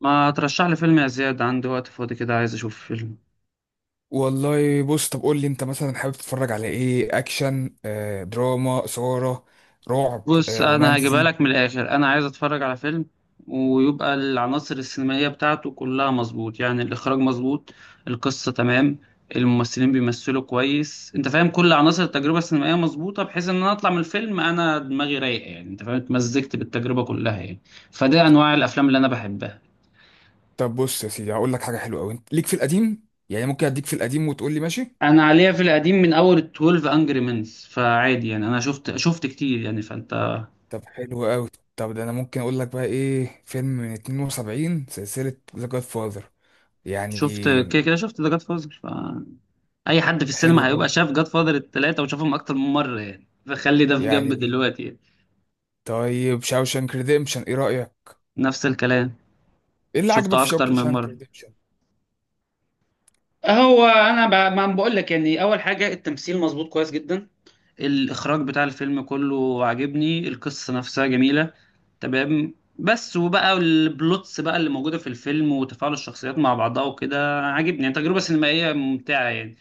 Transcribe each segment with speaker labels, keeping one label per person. Speaker 1: ما ترشح لي فيلم يا زياد؟ عندي وقت فاضي كده، عايز اشوف فيلم.
Speaker 2: والله بص، طب قول لي انت مثلا حابب تتفرج على ايه؟ اكشن، دراما، اثاره، رعب،
Speaker 1: بص انا هجيبها
Speaker 2: رومانسي؟
Speaker 1: لك من الاخر، انا عايز اتفرج على فيلم ويبقى العناصر السينمائيه بتاعته كلها مظبوط، يعني الاخراج مظبوط، القصه تمام، الممثلين بيمثلوا كويس، انت فاهم؟ كل عناصر التجربه السينمائيه مظبوطه بحيث ان انا اطلع من الفيلم انا دماغي رايقه، يعني انت فاهم اتمزجت بالتجربه كلها يعني. فده انواع الافلام اللي انا بحبها.
Speaker 2: طب بص يا سيدي، هقول لك حاجه حلوه قوي. انت ليك في القديم يعني؟ ممكن اديك في القديم وتقول لي ماشي.
Speaker 1: انا عليها في القديم من اول 12 انجري منز، فعادي يعني. انا شفت كتير يعني، فانت
Speaker 2: طب حلو قوي. طب ده انا ممكن اقول لك بقى ايه؟ فيلم من 72، سلسله ذا جاد فاذر يعني.
Speaker 1: شفت. كده كده شفت ذا جاد فاذر، فأي حد في
Speaker 2: حلو
Speaker 1: السينما هيبقى
Speaker 2: قوي
Speaker 1: شاف جاد فاذر التلاتة وشافهم أكتر من مرة يعني، فخلي ده في جنب
Speaker 2: يعني.
Speaker 1: دلوقتي يعني.
Speaker 2: طيب شاوشانك ريديمشن، ايه رايك؟
Speaker 1: نفس الكلام،
Speaker 2: ايه اللي عجبك
Speaker 1: شفته
Speaker 2: في
Speaker 1: أكتر من
Speaker 2: شاوشانك
Speaker 1: مرة.
Speaker 2: ريديمشن؟
Speaker 1: هو انا ما بقول لك يعني، اول حاجه التمثيل مظبوط كويس جدا، الإخراج بتاع الفيلم كله عاجبني، القصة نفسها جميلة تمام، بس وبقى البلوتس بقى اللي موجودة في الفيلم وتفاعل الشخصيات مع بعضها وكده عاجبني، يعني تجربة سينمائية ممتعة يعني.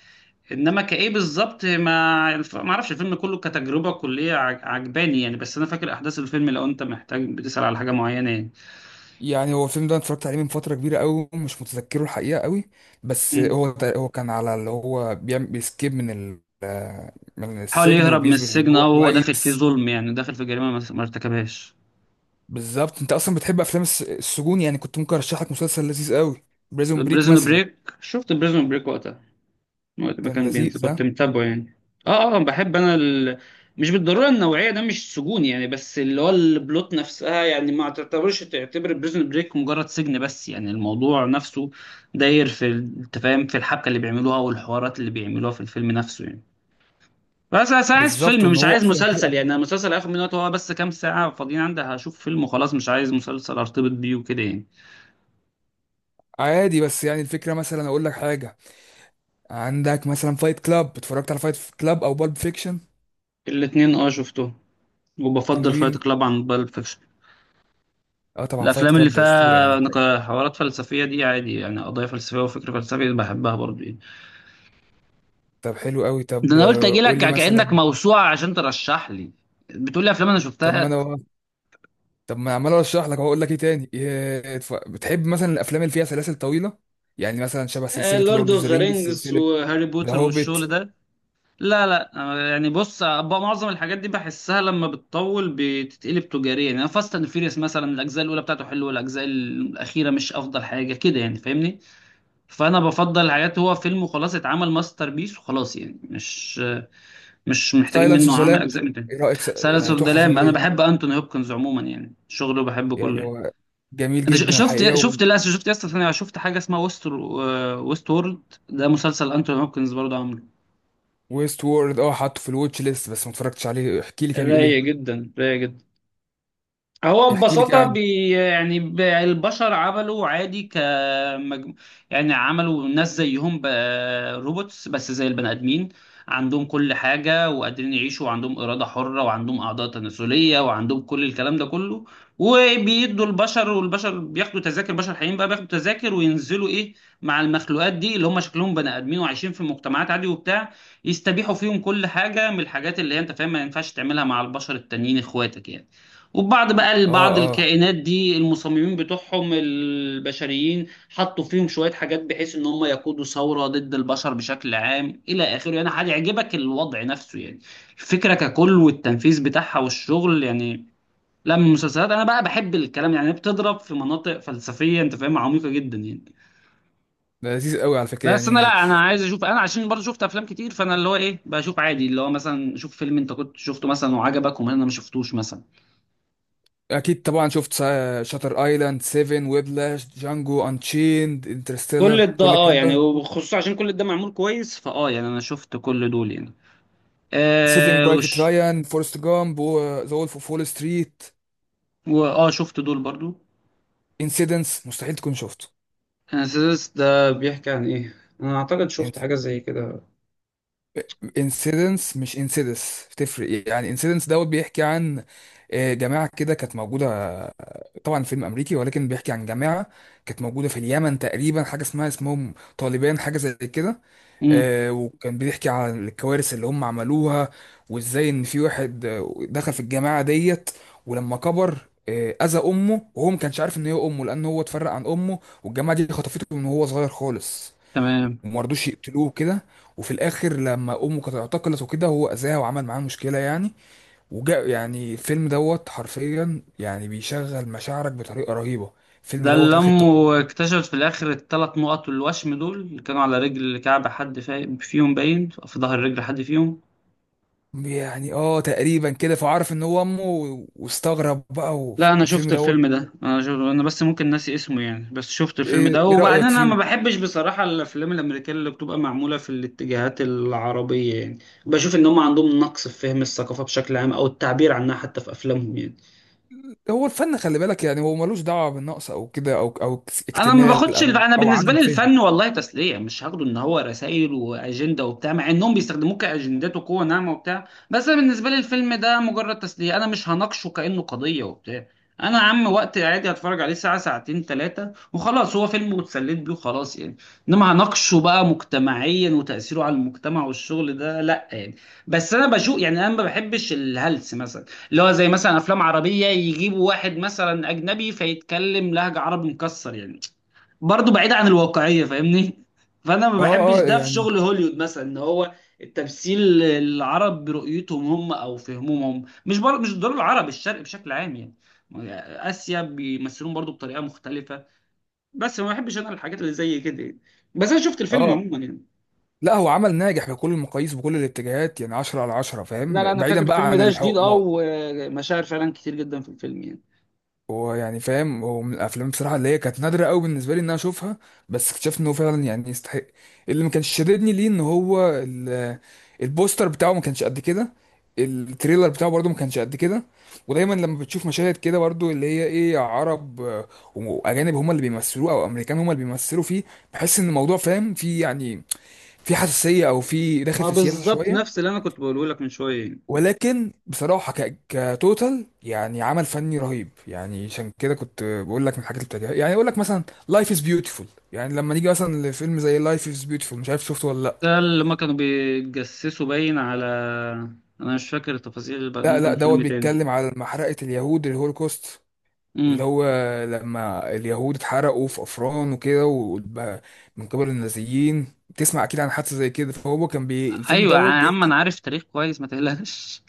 Speaker 1: انما كايه بالظبط ما اعرفش الفيلم كله كتجربه كليه عجباني يعني، بس انا فاكر احداث الفيلم لو انت محتاج بتسال على حاجه معينه يعني.
Speaker 2: يعني هو الفيلم ده أنا اتفرجت عليه من فترة كبيرة قوي، ومش متذكره الحقيقة قوي. بس
Speaker 1: مم.
Speaker 2: هو كان على اللي هو بيعمل بيسكيب من من
Speaker 1: حاول
Speaker 2: السجن،
Speaker 1: يهرب من
Speaker 2: وبيثبت ان
Speaker 1: السجن
Speaker 2: هو
Speaker 1: او هو داخل فيه
Speaker 2: كويس.
Speaker 1: ظلم، يعني داخل في جريمه ما ارتكبهاش.
Speaker 2: بالظبط، انت اصلا بتحب افلام السجون يعني؟ كنت ممكن ارشح لك مسلسل لذيذ قوي، بريزون بريك
Speaker 1: بريزون
Speaker 2: مثلا.
Speaker 1: بريك، شفت بريزون بريك وقتها، وقت ما
Speaker 2: كان
Speaker 1: كان بينزل
Speaker 2: لذيذ، ها؟
Speaker 1: كنت متابعه يعني. اه، اه، بحب انا ال... مش بالضروره النوعيه ده مش سجون يعني، بس اللي هو البلوت نفسها. يعني ما تعتبرش تعتبر بريزن بريك مجرد سجن بس، يعني الموضوع نفسه داير انت فاهم في الحبكه اللي بيعملوها والحوارات اللي بيعملوها في الفيلم نفسه يعني. بس انا عايز
Speaker 2: بالظبط،
Speaker 1: فيلم،
Speaker 2: وان
Speaker 1: مش
Speaker 2: هو
Speaker 1: عايز
Speaker 2: اصلا
Speaker 1: مسلسل،
Speaker 2: حلقة.
Speaker 1: يعني انا المسلسل هاخد منه وقت، هو بس كام ساعه فاضيين عندي، هشوف فيلم وخلاص، مش عايز مسلسل ارتبط بيه وكده يعني.
Speaker 2: عادي، بس يعني الفكرة مثلا اقول لك حاجة. عندك مثلا فايت كلاب، اتفرجت على فايت كلاب او بالب فيكشن؟
Speaker 1: الاتنين اه شفتهم، وبفضل فايت
Speaker 2: حلوين.
Speaker 1: كلاب عن بالب فيكشن.
Speaker 2: اه طبعا، فايت
Speaker 1: الافلام اللي
Speaker 2: كلاب ده اسطورة يعني.
Speaker 1: فيها
Speaker 2: طيب،
Speaker 1: حوارات فلسفيه دي عادي يعني، قضايا فلسفيه وفكر فلسفي بحبها برضه يعني.
Speaker 2: طب حلو قوي.
Speaker 1: ده
Speaker 2: طب
Speaker 1: انا قلت اجي لك
Speaker 2: قول لي
Speaker 1: كانك
Speaker 2: مثلا.
Speaker 1: موسوعه عشان ترشح لي، بتقول لي افلام انا
Speaker 2: طب ما
Speaker 1: شفتها.
Speaker 2: انا طب ما عمال اشرح لك اقول لك ايه تاني؟ بتحب مثلا الافلام اللي فيها سلاسل طويله؟ يعني مثلا شبه سلسله
Speaker 1: لورد
Speaker 2: لورد اوف
Speaker 1: اوف
Speaker 2: ذا
Speaker 1: ذا
Speaker 2: رينجز،
Speaker 1: رينجز
Speaker 2: سلسله
Speaker 1: وهاري
Speaker 2: ذا
Speaker 1: بوتر
Speaker 2: هوبيت.
Speaker 1: والشغل ده. لا، لا، يعني بص بقى معظم الحاجات دي بحسها لما بتطول بتتقلب تجاريا، يعني فاست اند فيريوس مثلا الاجزاء الاولى بتاعته حلوه والاجزاء الاخيره مش افضل حاجه كده، يعني فاهمني. فانا بفضل الحاجات هو فيلم وخلاص، اتعمل ماستر بيس وخلاص يعني، مش محتاجين
Speaker 2: سايلنس اوف
Speaker 1: منه
Speaker 2: ذا
Speaker 1: عمل
Speaker 2: لامب،
Speaker 1: اجزاء من تاني.
Speaker 2: ايه رايك؟
Speaker 1: سايلنس
Speaker 2: يعني
Speaker 1: اوف ذا
Speaker 2: تحفه
Speaker 1: لام، انا
Speaker 2: فنيه
Speaker 1: بحب انتوني هوبكنز عموما، يعني شغله بحبه
Speaker 2: يعني.
Speaker 1: كله يعني.
Speaker 2: هو جميل
Speaker 1: انت ش-
Speaker 2: جدا
Speaker 1: شفت
Speaker 2: الحقيقه
Speaker 1: شفت لا شفت يا اسطى، ثانية، شفت حاجه اسمها ويست وورلد. ده مسلسل انتوني هوبكنز برضه عامله.
Speaker 2: ويست وورد، اه حاطه في الواتش ليست، بس ما اتفرجتش عليه. احكي لي كده، بيقول
Speaker 1: رايق
Speaker 2: ايه؟
Speaker 1: جدا، رايق جدا. هو
Speaker 2: احكي لي كده
Speaker 1: ببساطة
Speaker 2: عنه.
Speaker 1: البشر عملوا عادي ك... يعني عملوا ناس زيهم ب-... روبوتس بس زي البني آدمين، عندهم كل حاجة وقادرين يعيشوا وعندهم إرادة حرة وعندهم أعضاء تناسلية وعندهم كل الكلام ده كله. وبيدوا البشر، والبشر بياخدوا تذاكر، البشر الحقيقيين بقى بياخدوا تذاكر وينزلوا إيه مع المخلوقات دي اللي هم شكلهم بني آدمين وعايشين في مجتمعات عادي وبتاع، يستبيحوا فيهم كل حاجة من الحاجات اللي هي أنت فاهم ما ينفعش تعملها مع البشر التانيين إخواتك يعني. وبعض بقى
Speaker 2: اه
Speaker 1: بعض
Speaker 2: اه
Speaker 1: الكائنات دي المصممين بتوعهم البشريين حطوا فيهم شوية حاجات بحيث ان هم يقودوا ثورة ضد البشر بشكل عام الى اخره، يعني هيعجبك الوضع نفسه يعني. الفكرة ككل والتنفيذ بتاعها والشغل يعني. لا، من المسلسلات انا بقى بحب الكلام يعني، بتضرب في مناطق فلسفية انت فاهمها عميقة جدا يعني.
Speaker 2: ده لذيذ قوي على فكره
Speaker 1: بس انا
Speaker 2: يعني.
Speaker 1: لا، انا عايز اشوف انا عشان برضه شفت افلام كتير، فانا اللي هو ايه بشوف عادي اللي هو مثلا شوف فيلم انت كنت شفته مثلا وعجبك وما انا ما شفتوش مثلا.
Speaker 2: اكيد طبعا شفت شاتر ايلاند، سيفن، ويبلاش، جانجو انشيند،
Speaker 1: كل
Speaker 2: انترستيلر،
Speaker 1: ده
Speaker 2: كل
Speaker 1: اه
Speaker 2: الكلام
Speaker 1: يعني،
Speaker 2: ده.
Speaker 1: وخصوصا عشان كل ده معمول كويس فاه يعني، انا شفت كل دول يعني.
Speaker 2: سيفينج
Speaker 1: آه
Speaker 2: برايفت
Speaker 1: وش...
Speaker 2: رايان، فورست جامب، ذا وولف اوف وول ستريت.
Speaker 1: واه شفت دول برضو.
Speaker 2: انسيدنس، مستحيل تكون شفته.
Speaker 1: انسيدس ده بيحكي عن ايه؟ انا اعتقد شفت حاجة زي كده.
Speaker 2: انسيدنس مش انسيدس، تفرق يعني. انسيدنس دوت بيحكي عن جماعة كده كانت موجودة. طبعا فيلم أمريكي، ولكن بيحكي عن جماعة كانت موجودة في اليمن تقريبا، حاجة اسمهم طالبان، حاجة زي كده.
Speaker 1: امم،
Speaker 2: وكان بيحكي عن الكوارث اللي هم عملوها، وازاي ان في واحد دخل في الجماعة ديت، ولما كبر أذى أمه، وهو ما كانش عارف إن هي أمه، لأن هو اتفرق عن أمه والجماعة دي خطفته من وهو صغير خالص.
Speaker 1: تمام.
Speaker 2: وما رضوش يقتلوه كده. وفي الاخر لما امه كانت اعتقلت وكده، هو اذاها وعمل معاه مشكله يعني. وجاء يعني الفيلم دوت حرفيا يعني بيشغل مشاعرك بطريقه رهيبه. الفيلم
Speaker 1: ده
Speaker 2: دوت
Speaker 1: اللي
Speaker 2: اخد تقييم
Speaker 1: امه اكتشفت في الاخر الثلاث نقط الوشم دول اللي كانوا على رجل كعب حد فيهم، باين في ظهر رجل حد فيهم.
Speaker 2: يعني اه تقريبا كده. فعرف ان هو امه، واستغرب بقى،
Speaker 1: لا، انا
Speaker 2: والفيلم
Speaker 1: شفت
Speaker 2: دوت،
Speaker 1: الفيلم ده، انا شفت... انا بس ممكن ناسي اسمه يعني، بس شفت الفيلم
Speaker 2: ايه؟
Speaker 1: ده، وبعدين
Speaker 2: رايك
Speaker 1: انا ما
Speaker 2: فيه؟
Speaker 1: بحبش بصراحة الافلام الامريكية اللي بتبقى معمولة في الاتجاهات العربية يعني، بشوف ان هم عندهم نقص في فهم الثقافة بشكل عام او التعبير عنها حتى في افلامهم يعني.
Speaker 2: هو الفن خلي بالك يعني، هو ملوش دعوه بالنقص او كده، او
Speaker 1: انا ما
Speaker 2: اكتمال
Speaker 1: باخدش الف...
Speaker 2: او
Speaker 1: انا
Speaker 2: او
Speaker 1: بالنسبه
Speaker 2: عدم
Speaker 1: لي
Speaker 2: فهم.
Speaker 1: الفن والله تسليه، مش هاخده ان هو رسائل واجنده وبتاع، مع انهم بيستخدموه كاجندات وقوه ناعمه وبتاع، بس أنا بالنسبه لي الفيلم ده مجرد تسليه، انا مش هناقشه كانه قضيه وبتاع. انا يا عم وقت عادي هتفرج عليه ساعه ساعتين ثلاثه وخلاص، هو فيلم واتسليت بيه وخلاص يعني. انما هناقشه بقى مجتمعيا وتاثيره على المجتمع والشغل ده لا يعني. بس انا بشوف يعني، انا ما بحبش الهلس مثلا، اللي هو زي مثلا افلام عربيه يجيبوا واحد مثلا اجنبي فيتكلم لهجه عربي مكسر يعني، برضه بعيدة عن الواقعية فاهمني. فأنا ما بحبش
Speaker 2: اه
Speaker 1: ده في
Speaker 2: يعني.
Speaker 1: شغل هوليوود مثلا، إن هو التمثيل العرب برؤيتهم هم أو فهمهم هم مش بر... مش دول العرب، الشرق بشكل عام يعني. آسيا بيمثلون برضه بطريقة مختلفة. بس ما بحبش أنا الحاجات اللي زي كده يعني. بس أنا شفت الفيلم
Speaker 2: اه،
Speaker 1: عموما يعني.
Speaker 2: لا، هو عمل ناجح بكل المقاييس وبكل الاتجاهات يعني، 10 على 10،
Speaker 1: لا، لا،
Speaker 2: فاهم؟
Speaker 1: أنا فاكر
Speaker 2: بعيدا بقى
Speaker 1: الفيلم
Speaker 2: عن
Speaker 1: ده شديد
Speaker 2: الحكم.
Speaker 1: أه، ومشاعر فعلا كتير جدا في الفيلم يعني.
Speaker 2: هو يعني، فاهم، هو من الافلام بصراحه اللي هي كانت نادره قوي بالنسبه لي ان انا اشوفها، بس اكتشفت انه فعلا يعني يستحق. اللي ما كانش شددني ليه ان هو البوستر بتاعه ما كانش قد كده، التريلر بتاعه برضه ما كانش قد كده. ودايما لما بتشوف مشاهد كده برضه اللي هي ايه، عرب واجانب هم اللي بيمثلوه، او امريكان هم اللي بيمثلوا فيه، بحس ان الموضوع فاهم، في يعني في حساسيه، او في داخل
Speaker 1: ما
Speaker 2: في سياسه
Speaker 1: بالظبط
Speaker 2: شويه.
Speaker 1: نفس اللي أنا كنت بقوله لك من شوية يعني.
Speaker 2: ولكن بصراحة، كتوتال يعني عمل فني رهيب يعني. عشان كده كنت بقول لك من الحاجات اللي بتعجبني، يعني اقول لك مثلا لايف از بيوتيفول. يعني لما نيجي مثلا لفيلم زي لايف از بيوتيفول، مش عارف شفته ولا
Speaker 1: ده اللي ما كانوا بيتجسسوا باين على... انا مش فاكر التفاصيل بقى،
Speaker 2: لا.
Speaker 1: ممكن
Speaker 2: دوت
Speaker 1: فيلم تاني.
Speaker 2: بيتكلم على محرقة اليهود، الهولوكوست، اللي
Speaker 1: امم.
Speaker 2: هو لما اليهود اتحرقوا في افران وكده، وبقى من قبل النازيين. تسمع اكيد عن حادثة زي كده. فهو كان الفيلم
Speaker 1: ايوه يا
Speaker 2: دوت
Speaker 1: عم، انا
Speaker 2: بيحكي،
Speaker 1: عارف تاريخ كويس ما تقلقش.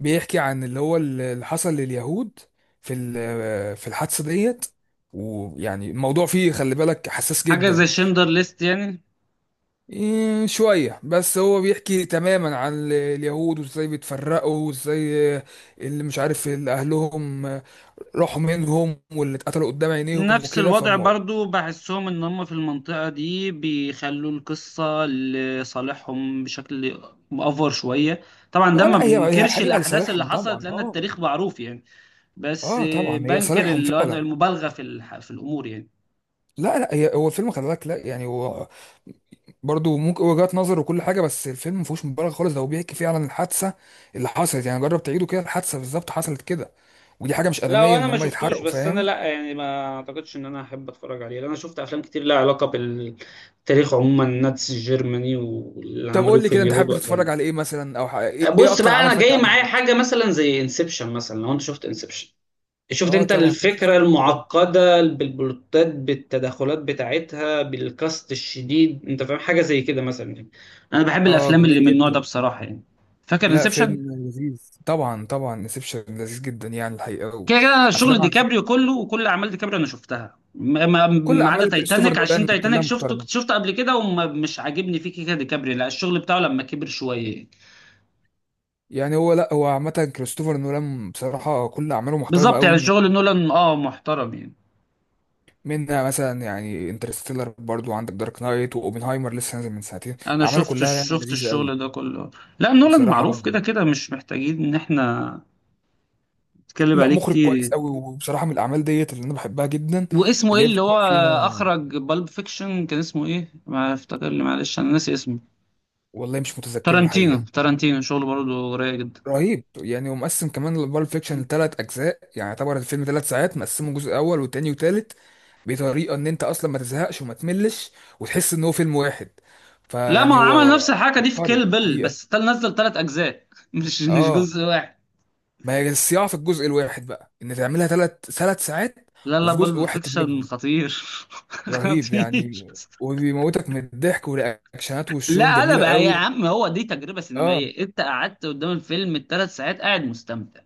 Speaker 2: بيحكي عن اللي هو اللي حصل لليهود في في الحادثة ديت. ويعني الموضوع فيه خلي بالك حساس
Speaker 1: حاجه زي
Speaker 2: جدا.
Speaker 1: شندر ليست يعني.
Speaker 2: شوية بس. هو بيحكي تماما عن اليهود وازاي بيتفرقوا، وازاي اللي مش عارف اللي أهلهم راحوا منهم، واللي اتقتلوا قدام عينيهم
Speaker 1: نفس
Speaker 2: وكده.
Speaker 1: الوضع
Speaker 2: فالموضوع،
Speaker 1: برضو، بحسهم ان هم في المنطقه دي بيخلوا القصه لصالحهم بشكل مأفور شويه. طبعا ده ما
Speaker 2: لا هي
Speaker 1: بننكرش
Speaker 2: حقيقة
Speaker 1: الاحداث اللي
Speaker 2: لصالحهم
Speaker 1: حصلت
Speaker 2: طبعا.
Speaker 1: لان
Speaker 2: اه،
Speaker 1: التاريخ معروف يعني. بس
Speaker 2: اه طبعا هي
Speaker 1: بنكر
Speaker 2: لصالحهم
Speaker 1: اللي هو
Speaker 2: فعلا.
Speaker 1: المبالغه في الامور يعني.
Speaker 2: لا هي، هو الفيلم خلي بالك، لا يعني، هو برضه ممكن وجهات نظر وكل حاجه، بس الفيلم ما فيهوش مبالغه خالص. ده هو بيحكي فعلا الحادثه اللي حصلت يعني. جرب تعيده كده، الحادثه بالظبط حصلت كده. ودي حاجه مش
Speaker 1: لا،
Speaker 2: ادميه
Speaker 1: وانا
Speaker 2: ان
Speaker 1: ما
Speaker 2: هم
Speaker 1: شفتوش،
Speaker 2: يتحرقوا،
Speaker 1: بس انا
Speaker 2: فاهم؟
Speaker 1: لا يعني ما اعتقدش ان انا احب اتفرج عليه، لان انا شفت افلام كتير لها علاقه بالتاريخ عموما، الناتس الجرماني واللي
Speaker 2: طب
Speaker 1: عملوه
Speaker 2: قول لي
Speaker 1: في
Speaker 2: كده، انت حابب
Speaker 1: اليهود وقتها
Speaker 2: تتفرج
Speaker 1: يعني.
Speaker 2: على ايه مثلا؟ ايه
Speaker 1: بص
Speaker 2: اكتر
Speaker 1: بقى
Speaker 2: عمل
Speaker 1: انا
Speaker 2: فني
Speaker 1: جاي معايا
Speaker 2: عجبك؟
Speaker 1: حاجه مثلا زي انسبشن مثلا، لو انت شفت انسبشن، شفت
Speaker 2: اه
Speaker 1: انت
Speaker 2: طبعا
Speaker 1: الفكره
Speaker 2: شفته كتير أوي.
Speaker 1: المعقده بالبلوتات بالتدخلات بتاعتها بالكاست الشديد، انت فاهم حاجه زي كده مثلا يعني. انا بحب
Speaker 2: اه
Speaker 1: الافلام اللي
Speaker 2: جميل
Speaker 1: من النوع ده
Speaker 2: جدا.
Speaker 1: بصراحه يعني. فاكر
Speaker 2: لا،
Speaker 1: انسبشن.
Speaker 2: فيلم لذيذ طبعا، طبعا انسبشن لذيذ جدا يعني الحقيقه.
Speaker 1: كده كده انا شغل
Speaker 2: وافلام عن-
Speaker 1: ديكابريو كله وكل اعمال ديكابريو انا شفتها،
Speaker 2: كل
Speaker 1: ما عدا
Speaker 2: اعمال كريستوفر
Speaker 1: تايتانيك، عشان
Speaker 2: نولان
Speaker 1: تايتانيك
Speaker 2: كلها
Speaker 1: شفته
Speaker 2: محترمه
Speaker 1: شفته قبل كده ومش عاجبني فيه كده، ديكابريو لا الشغل بتاعه لما كبر شويه يعني.
Speaker 2: يعني. هو، لا هو عامة كريستوفر نولان بصراحة كل أعماله محترمة
Speaker 1: بالظبط
Speaker 2: قوي.
Speaker 1: يعني شغل نولان اه محترم يعني.
Speaker 2: منها مثلا يعني انترستيلر، برضو عندك دارك نايت، وأوبنهايمر لسه نازل من ساعتين.
Speaker 1: انا
Speaker 2: أعماله
Speaker 1: شفت
Speaker 2: كلها يعني
Speaker 1: شفت
Speaker 2: لذيذة قوي.
Speaker 1: الشغل ده كله. لا، نولان معروف
Speaker 2: بصراحة
Speaker 1: كده كده، مش محتاجين ان احنا نتكلم
Speaker 2: لا،
Speaker 1: عليه
Speaker 2: مخرج
Speaker 1: كتير
Speaker 2: كويس
Speaker 1: يعني.
Speaker 2: قوي. وبصراحة من الأعمال ديت اللي أنا بحبها جدا
Speaker 1: واسمه ايه
Speaker 2: اللي هي
Speaker 1: اللي
Speaker 2: بتكون
Speaker 1: هو
Speaker 2: فيها.
Speaker 1: اخرج بالب فيكشن؟ كان اسمه ايه ما افتكر لي؟ معلش انا ناسي اسمه.
Speaker 2: والله مش متذكره
Speaker 1: تارانتينو،
Speaker 2: الحقيقة.
Speaker 1: تارانتينو شغله برضه رايق جدا.
Speaker 2: رهيب يعني. ومقسم كمان بالب فيكشن لثلاث اجزاء، يعني يعتبر الفيلم ثلاث ساعات مقسمه، جزء اول وتاني وتالت، بطريقه ان انت اصلا ما تزهقش وما تملش، وتحس ان هو فيلم واحد.
Speaker 1: لا، ما
Speaker 2: فيعني
Speaker 1: هو
Speaker 2: هو
Speaker 1: عمل نفس الحركه دي في
Speaker 2: عبقري
Speaker 1: كيل بيل،
Speaker 2: الحقيقه.
Speaker 1: بس تل نزل ثلاث اجزاء مش
Speaker 2: اه،
Speaker 1: جزء واحد.
Speaker 2: ما هي الصياعه في الجزء الواحد بقى، ان تعملها ثلاث ساعات،
Speaker 1: لا، لا،
Speaker 2: وفي جزء
Speaker 1: بلب
Speaker 2: واحد
Speaker 1: فيكشن
Speaker 2: تدمجهم.
Speaker 1: خطير.
Speaker 2: رهيب
Speaker 1: خطير.
Speaker 2: يعني. وبيموتك من الضحك، والرياكشنات وشهم
Speaker 1: لا قلب
Speaker 2: جميله
Speaker 1: يا
Speaker 2: قوي.
Speaker 1: عم، هو دي تجربه
Speaker 2: اه.
Speaker 1: سينمائيه، انت قعدت قدام الفيلم الثلاث ساعات قاعد مستمتع.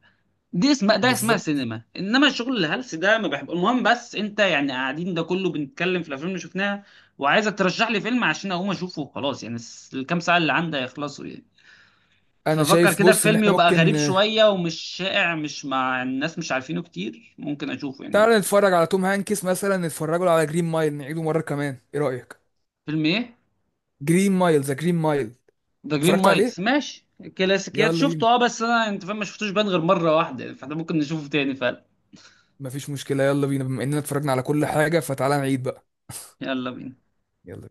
Speaker 1: دي اسمها، ده اسمها
Speaker 2: بالظبط.
Speaker 1: سينما، انما الشغل الهلس ده ما بحب. المهم، بس انت يعني قاعدين ده كله بنتكلم في الافلام اللي شفناها، وعايزك ترشح لي فيلم عشان اقوم اشوفه وخلاص يعني، الكام ساعه اللي عندي هيخلصوا يعني.
Speaker 2: انا
Speaker 1: ففكر
Speaker 2: شايف
Speaker 1: كده في
Speaker 2: بص ان
Speaker 1: فيلم
Speaker 2: احنا
Speaker 1: يبقى
Speaker 2: ممكن،
Speaker 1: غريب شوية ومش شائع مش مع الناس مش عارفينه كتير ممكن اشوفه يعني.
Speaker 2: تعالى نتفرج على توم هانكس مثلا، نتفرجوا له على جرين مايل، نعيده مرة كمان، ايه رأيك؟
Speaker 1: فيلم ايه؟
Speaker 2: جرين مايل، ذا جرين مايل.
Speaker 1: ذا جرين
Speaker 2: اتفرجت عليه؟
Speaker 1: مايلز ماشي. كلاسيكيات،
Speaker 2: يلا بينا.
Speaker 1: شفته اه، بس انا انت فاهم ما شفتوش بان غير مرة واحدة، فاحنا ممكن نشوفه تاني فعلا.
Speaker 2: مفيش مشكلة، يلا بينا. بما اننا اتفرجنا على كل حاجة، فتعالى نعيد بقى.
Speaker 1: يلا بينا.
Speaker 2: يلا.